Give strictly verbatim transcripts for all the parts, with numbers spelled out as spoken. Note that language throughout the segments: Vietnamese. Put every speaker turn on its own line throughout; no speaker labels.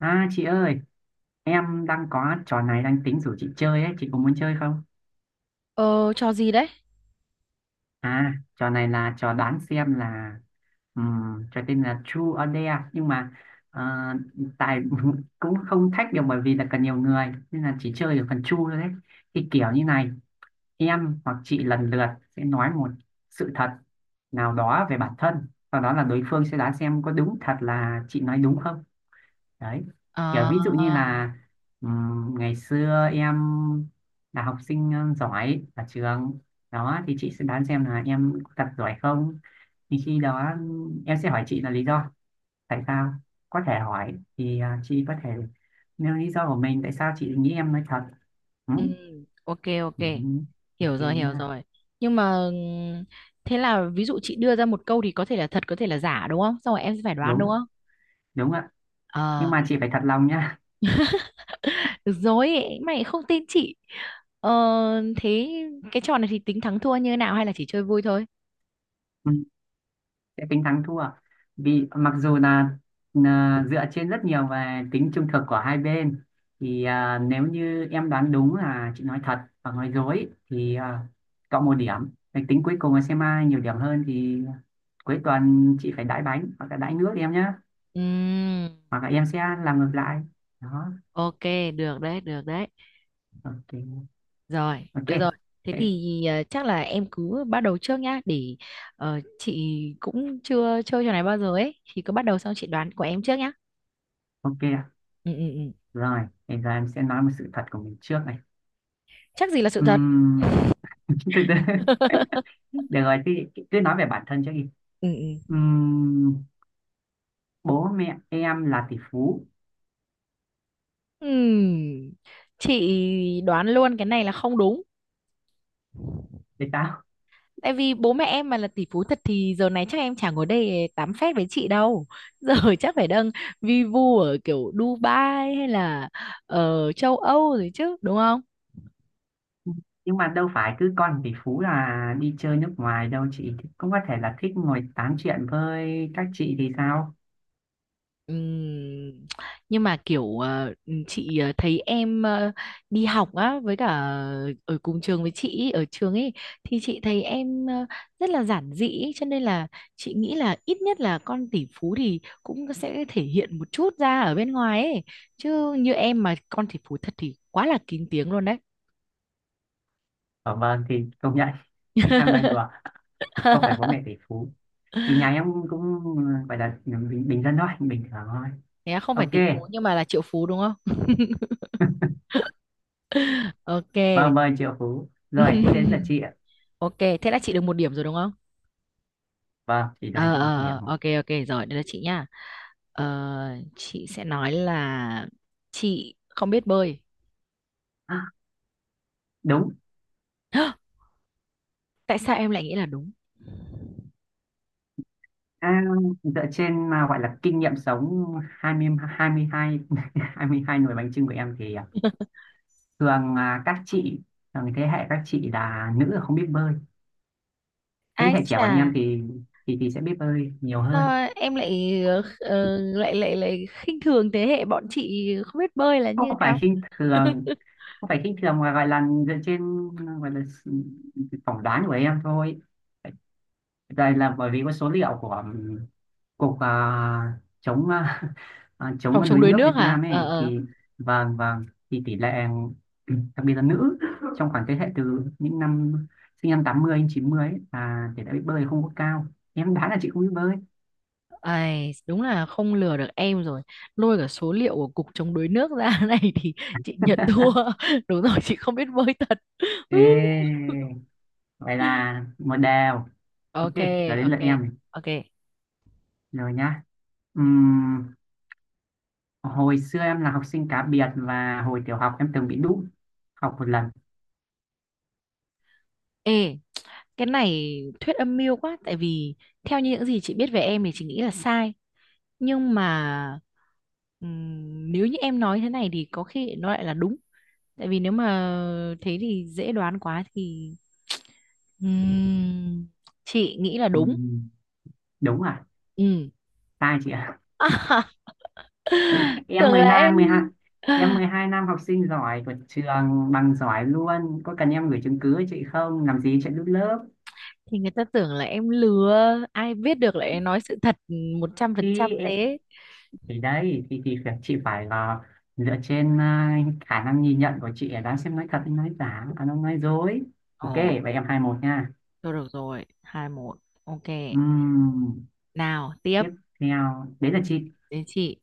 À chị ơi, em đang có trò này đang tính rủ chị chơi ấy, chị có muốn chơi không?
Ờ, cho gì đấy?
À, trò này là trò đoán xem là ừm, trò tên là True or Dare nhưng mà ờ, tài cũng không thách được bởi vì là cần nhiều người nên là chỉ chơi được phần True thôi đấy. Thì kiểu như này, em hoặc chị lần lượt sẽ nói một sự thật nào đó về bản thân, sau đó là đối phương sẽ đoán xem có đúng thật là chị nói đúng không. Đấy, kiểu
À,
ví dụ như là ừm, ngày xưa em là học sinh ờ, giỏi ở trường đó thì chị sẽ đoán xem là em thật giỏi không, thì khi đó em sẽ hỏi chị là lý do tại sao có thể hỏi thì ờ, chị có thể nêu lý do của mình tại sao chị nghĩ em nói thật, ừ?
ừ, ok, ok.
Ừ.
Hiểu
Ok
rồi, hiểu
nha.
rồi. Nhưng mà ừm, thế là ví dụ chị đưa ra một câu thì có thể là thật, có thể là giả, đúng không? Xong rồi em sẽ phải đoán, đúng
đúng
không?
đúng ạ, nhưng
Ờ,
mà chị phải thật lòng nha.
được rồi, mày không tin chị. Ờ, thế cái trò này thì tính thắng thua như thế nào hay là chỉ chơi vui thôi?
Sẽ tính thắng thua, vì mặc dù là, là dựa trên rất nhiều về tính trung thực của hai bên thì à, nếu như em đoán đúng là chị nói thật và nói dối thì à, cộng một điểm. Để tính cuối cùng là xem ai nhiều điểm hơn thì cuối tuần chị phải đãi bánh hoặc là đãi nước em nhé,
Ừm,
hoặc là em sẽ làm ngược lại đó.
ok, được đấy, được đấy.
Ok.
Rồi,
Ok.
được rồi. Thế
Thế-
thì ờ, chắc là em cứ bắt đầu trước nhá, để ờ, chị cũng chưa chơi trò này bao giờ ấy, thì cứ bắt đầu xong chị đoán của em trước nhá.
ok ạ.
Ừ ừ ừ.
Rồi, bây giờ em sẽ nói một sự thật của mình trước này.
Chắc gì là sự thật.
Ừm, từ từ, được rồi thì cứ nói về bản thân trước đi.
Ừ ừ.
Ừm, bố mẹ em là tỷ phú.
Ừm, Chị đoán luôn cái này là không đúng.
Thì sao,
Tại vì bố mẹ em mà là tỷ phú thật thì giờ này chắc em chả ngồi đây tám phét với chị đâu. Giờ chắc phải đang vi vu ở kiểu Dubai hay là ở châu Âu rồi chứ, đúng không?
nhưng mà đâu phải cứ con tỷ phú là đi chơi nước ngoài đâu, chị cũng có thể là thích ngồi tám chuyện với các chị thì sao.
Ừm, nhưng mà kiểu ờ, chị ờ, thấy em ờ, đi học á với cả ở cùng trường với chị ý, ở trường ấy thì chị thấy em ờ, rất là giản dị ý, cho nên là chị nghĩ là ít nhất là con tỷ phú thì cũng sẽ thể hiện một chút ra ở bên ngoài ấy chứ như em mà con tỷ phú thật thì quá là kín tiếng luôn đấy.
Ở vâng, thì công nhận. Em nói đùa, không phải bố mẹ tỷ phú thì nhà em cũng gọi là bình, bình dân thôi, bình thường thôi.
Thế à, không phải
Ok.
tỷ phú nhưng mà là triệu phú đúng không? Ok.
Vâng vâng, triệu phú rồi, thế đến là chị ạ.
Ok, thế là chị được một điểm rồi đúng không?
Vâng, chị nói
Ờ ờ
đi điểm
ờ,
một.
ok ok, rồi đây là chị nhá. ờ, chị sẽ nói là chị không biết bơi.
À, đúng.
Tại sao em lại nghĩ là đúng?
À, dựa trên à, gọi là kinh nghiệm sống 20 22 22 nồi bánh chưng của em thì à, thường là các chị, thường thế hệ các chị là nữ là không biết bơi, thế
Ai
hệ trẻ
chà,
bọn em thì thì thì sẽ biết bơi nhiều hơn.
sao em lại ờ, lại lại lại khinh thường thế hệ bọn chị không biết bơi là
Không
như
phải
nào?
khinh thường, không phải khinh thường mà gọi là dựa trên, gọi là s- phỏng đoán của em thôi đây, là bởi vì có số liệu của cục à, chống à, à,
Phòng
chống
chống
đuối
đuối
nước
nước
Việt
hả?
Nam
Ờ
ấy
ờ.
thì vâng vâng, thì tỷ lệ đặc biệt là nữ trong khoảng thế hệ từ những năm sinh năm tám mươi đến chín mươi ấy, là tỷ lệ biết bơi không có cao, em đoán là chị không biết bơi.
Ai, đúng là không lừa được em rồi, lôi cả số liệu của cục chống đuối nước ra này, thì chị nhận thua. Đúng rồi, chị không biết bơi thật.
Ê, vậy là một đều. Ok,
Ok,
giờ đến lượt
ok,
em này.
ok.
Rồi nhá. Ừm, hồi xưa em là học sinh cá biệt và hồi tiểu học em từng bị đú học một lần.
Ê, cái này thuyết âm mưu quá, tại vì theo như những gì chị biết về em thì chị nghĩ là sai, nhưng mà ừm, nếu như em nói thế này thì có khi nó lại là đúng. Tại vì nếu mà thế thì dễ đoán quá, thì ừm, chị nghĩ là đúng.
Ừm, đúng à?
Ừ.
Sai chị ạ, em
Tưởng
12
là em.
12 em mười hai năm học sinh giỏi của trường, bằng giỏi luôn, có cần em gửi chứng cứ cho chị không, làm gì chuyện đút lớp.
Thì người ta tưởng là em lừa, ai biết được lại nói sự thật một trăm phần
thì
trăm
em,
thế.
thì đấy thì thì phải, chị phải là dựa trên à, khả năng nhìn nhận của chị để đoán xem nói thật hay nói giả à nó nói dối.
Ồ.
Ok, vậy em hai một nha.
Thôi được rồi, hai một. Ok.
Ừm,
Nào, tiếp.
tiếp theo đấy là
Ừ.
chị.
Đến chị.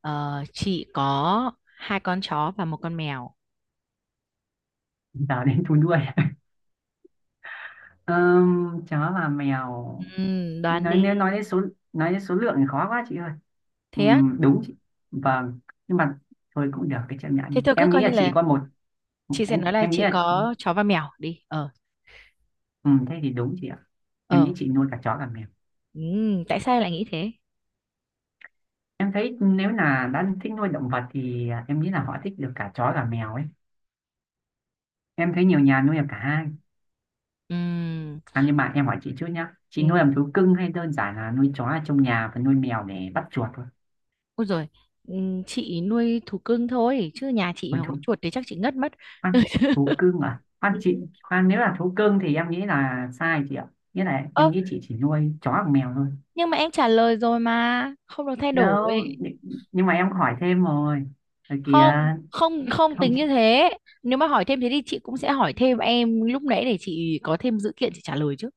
Ờ, chị có hai con chó và một con mèo.
Giờ đến thú nuôi. um, chó và mèo,
Ừm, đoán
nói
đi.
nếu nói đến số nói đến số lượng thì khó quá chị ơi.
Thế á?
Ừm, đúng chị, vâng, nhưng mà thôi cũng được, cái chấp
Thế
nhận
tôi cứ
em nghĩ
coi như
là chị
là
có một.
chị sẽ
em
nói là
em nghĩ
chị
là
có chó và mèo đi. Ờ.
ừm, thế thì đúng chị ạ, em
Ờ.
nghĩ chị nuôi cả chó cả mèo.
Ừm, tại sao lại nghĩ thế?
Em thấy nếu là đã thích nuôi động vật thì à, em nghĩ là họ thích được cả chó cả mèo ấy, em thấy nhiều nhà nuôi được cả hai.
Ừm.
À, nhưng mà em hỏi chị trước nhá, chị nuôi
Ừm,
làm thú cưng hay đơn giản là nuôi chó ở trong nhà và nuôi mèo để bắt chuột thôi.
Ôi rồi. Chị nuôi thú cưng thôi chứ nhà chị
Nuôi
mà có
thú
chuột thì chắc chị ngất mất.
ăn thú cưng à, khoan
Ừ.
chị khoan, nếu là thú cưng thì em nghĩ là sai chị ạ, nghĩa là
Ơ,
em nghĩ chị chỉ nuôi chó hoặc mèo thôi.
nhưng mà em trả lời rồi mà, không được thay đổi.
đâu nh- nhưng mà em hỏi thêm rồi, rồi kìa.
Không, không, không
Không,
tính như thế. Nếu mà hỏi thêm thế thì chị cũng sẽ hỏi thêm em lúc nãy để chị có thêm dữ kiện chị trả lời chứ.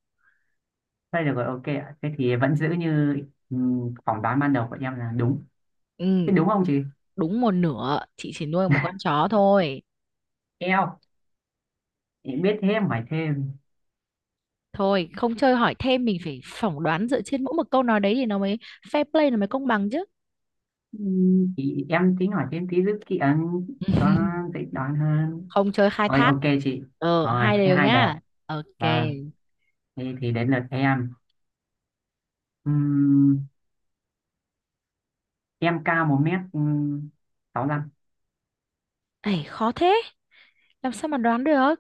thôi được rồi, ok ạ, thế thì vẫn giữ như ừm, phỏng đoán ban đầu của em là đúng. Thế
Ừ.
đúng không chị?
Đúng một nửa, chị chỉ nuôi một con chó thôi.
Eo, chị biết thêm hỏi thêm.
Thôi không chơi hỏi thêm, mình phải phỏng đoán dựa trên mỗi một câu nói đấy thì nó mới fair play, nó mới công bằng chứ.
Ừm, thì em tính hỏi thêm tí giúp chị ấn cho nó dễ đoán hơn.
Không chơi khai
Rồi
thác.
ok chị.
Ờ
Rồi
hai
cái
đều
hai đều.
nhá. Ok.
Vâng, thì, thì đến lượt em. Ừm, em cao một mét ừ, sáu lăm,
Ấy khó thế, làm sao mà đoán được.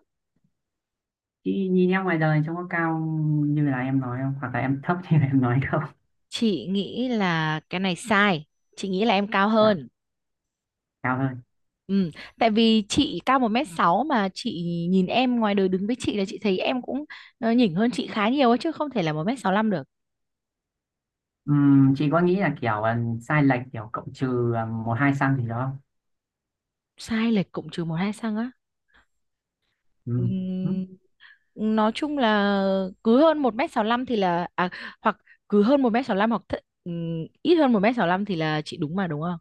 chứ nhìn em ngoài đời trông có cao như là em nói không, hoặc là em thấp như là em nói không.
Chị nghĩ là cái này sai, chị nghĩ là em cao
Dạ,
hơn.
cao hơn.
Ừ, tại vì chị cao một mét sáu mà chị nhìn em ngoài đời đứng với chị là chị thấy em cũng ờ, nhỉnh hơn chị khá nhiều ấy, chứ không thể là một m lăm được.
Ừm, chị có nghĩ là kiểu ờ, sai lệch kiểu cộng trừ ờ, một hai xăng gì đó không?
Sai lệch cũng trừ một hai cm á.
Ừm, ừm,
Ừm, nói chung là cứ hơn một m lăm thì là à, hoặc cứ hơn một mét sáu lăm hoặc th ừm, ít hơn một m lăm thì là chị đúng mà đúng không?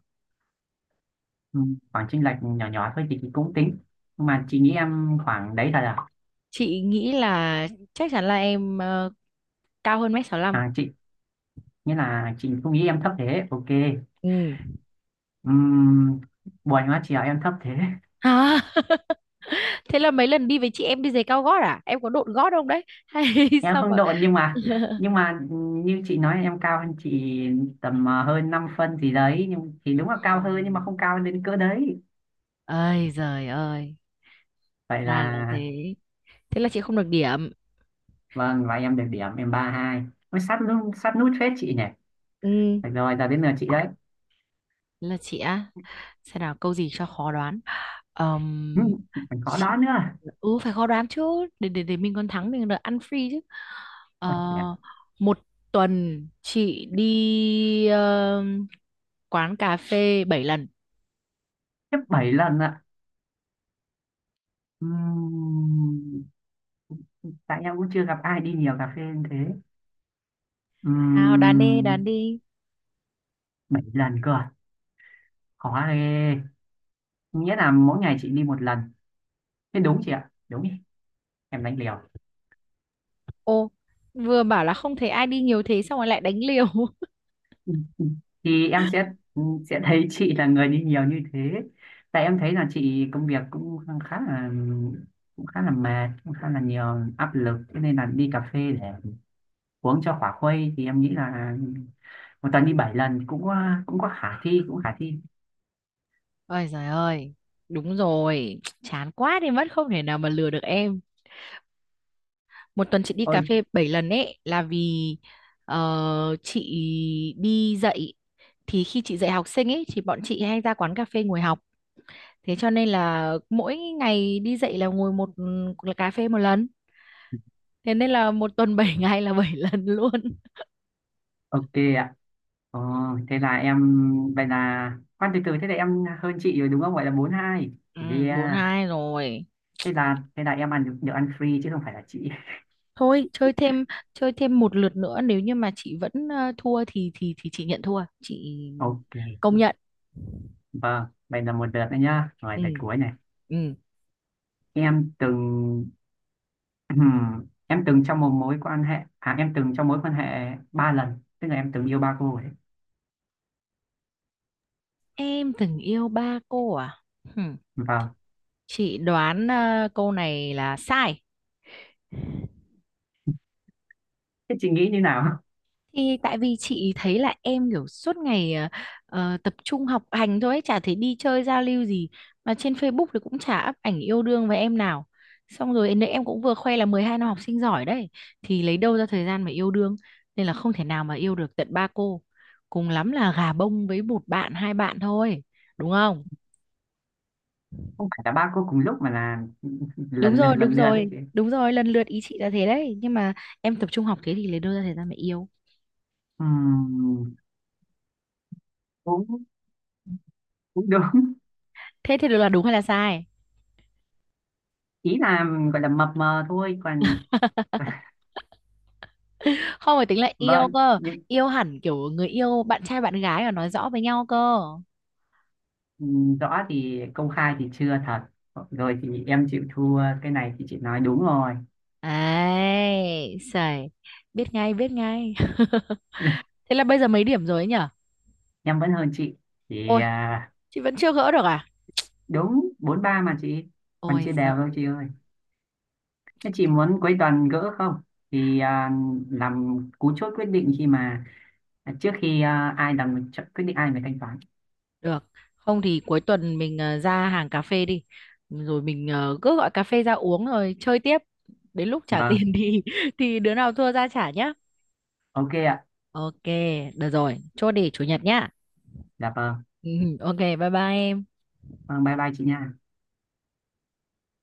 ừm, khoảng chênh lệch nhỏ nhỏ thôi thì chị cũng tính, nhưng mà chị nghĩ em khoảng đấy thật à,
Chị nghĩ là chắc chắn là em ờ, cao hơn mét sáu 65.
à chị nghĩa là chị không nghĩ em thấp thế. Ok.
Ừ.
Ừm, buồn quá chị ạ, em thấp thế.
À, thế là mấy lần đi với chị em đi giày cao gót à? Em có độn gót không đấy? Hay
Em
sao
không
mà
độn nhưng mà, nhưng mà như chị nói em cao hơn chị tầm ờ, hơn năm phân gì đấy, nhưng thì đúng là cao hơn nhưng mà
Ừm.
không cao đến cỡ đấy.
Ơi giời ơi,
Vậy
ra là
là
thế, thế là chị không được điểm.
vâng, và em được điểm, em ba hai, mới sát nút, sát nút phết chị nhỉ.
Ừ,
Được rồi giờ đến lượt chị đấy.
thế là chị á, xem nào câu gì cho khó đoán.
ừ,
Ờm,
còn có đó
chị...
nữa.
ừ, phải khó đoán chứ, để để để mình còn thắng mình còn được ăn free chứ. Ờ,
Ôi chị ạ,
Một tuần chị đi ờm, quán cà phê bảy lần.
tiếp bảy lần ạ. Ừm, tại em cũng chưa gặp ai đi nhiều cà phê như thế.
Nào đoán đi, đoán
Ừm,
đi.
bảy lần cơ à? Khó ghê, nghĩa là mỗi ngày chị đi một lần. Thế đúng chị ạ, đúng đi, em đánh liều.
Ô, vừa bảo là không thấy ai đi nhiều thế xong rồi lại đánh liều.
Thì em sẽ ừ, sẽ thấy chị là người đi nhiều như thế, tại em thấy là chị công việc cũng khá là, cũng khá là mệt, cũng khá là nhiều áp lực, thế nên là đi cà phê để uống cho khỏa khuây, thì em nghĩ là một tuần đi bảy lần thì cũng có, cũng có khả thi, cũng khả thi.
Ôi giời ơi, đúng rồi, chán quá đi mất, không thể nào mà lừa được em. Một tuần chị đi
Ôi
cà phê bảy lần ấy là vì ờ, chị đi dạy, thì khi chị dạy học sinh ấy thì bọn chị hay ra quán cà phê ngồi học. Thế cho nên là mỗi ngày đi dạy là ngồi một, là cà phê một lần. Thế nên là một tuần bảy ngày là bảy lần luôn.
ok ạ. Ờ, thế là em, vậy là khoan từ từ, thế là em hơn chị rồi đúng không, gọi là bốn hai.
Ừ, bốn
Yeah,
hai rồi.
thế là thế là em ăn được, được ăn free chứ không phải là chị.
Thôi chơi thêm chơi thêm một lượt nữa, nếu như mà chị vẫn ờ, thua thì thì thì chị nhận thua. Chị
Ok.
công nhận.
Vâng, vậy là một lượt nữa nhá. Rồi lượt
Ừ
cuối này.
ừ,
Em từng em từng trong một mối quan hệ à em từng trong mối quan hệ ba lần, tức là em từng yêu ba cô ấy.
em từng yêu ba cô à? Hừm,
Vâng.
chị đoán ờ, câu này là sai,
Thế chị nghĩ như nào?
thì tại vì chị thấy là em kiểu suốt ngày ờ, ờ, tập trung học hành thôi ấy, chả thấy đi chơi giao lưu gì mà trên Facebook thì cũng chả up ảnh yêu đương với em nào, xong rồi nãy em cũng vừa khoe là mười hai năm học sinh giỏi đấy, thì lấy đâu ra thời gian mà yêu đương, nên là không thể nào mà yêu được tận ba cô, cùng lắm là gà bông với một bạn hai bạn thôi, đúng không?
Không phải là ba cô cùng lúc mà là
Đúng
lần lượt
rồi, đúng
lần lượt
rồi,
đấy chị.
đúng rồi, lần lượt ý chị là thế đấy, nhưng mà em tập trung học thế thì lấy đâu ra thời gian mà yêu.
Ừm, cũng cũng đúng.
Thế thì được là đúng hay là sai?
Ý là gọi là mập mờ thôi, còn
Không phải tính là yêu
vâng,
cơ,
nhưng
yêu hẳn kiểu người yêu bạn trai bạn gái mà nói rõ với nhau cơ.
ừm, rõ thì công khai thì chưa thật. Rồi thì em chịu thua cái này, thì chị nói đúng rồi.
Ấy sẩy, biết ngay biết ngay. Thế là bây giờ mấy điểm rồi ấy nhở?
Em vẫn hơn chị. Thì
Ôi,
à,
chị vẫn chưa gỡ được à?
đúng bốn ba mà chị, còn
Ôi
chia đều thôi
giời.
chị ơi. Thế chị muốn cuối tuần gỡ không, thì à, làm cú chốt quyết định khi mà à, trước khi à, ai làm ch- quyết định ai phải thanh toán.
Được. Không thì cuối tuần mình ờ, ra hàng cà phê đi. Rồi mình ờ, cứ gọi cà phê ra uống rồi chơi tiếp. Đến lúc trả
Vâng,
tiền thì thì đứa nào thua ra trả nhá.
ok ạ.
Ok, được rồi. Chốt đi chủ nhật nhá.
Dạ vâng.
Ừ, ừ. Ok, bye bye em.
Vâng, bye bye chị nha.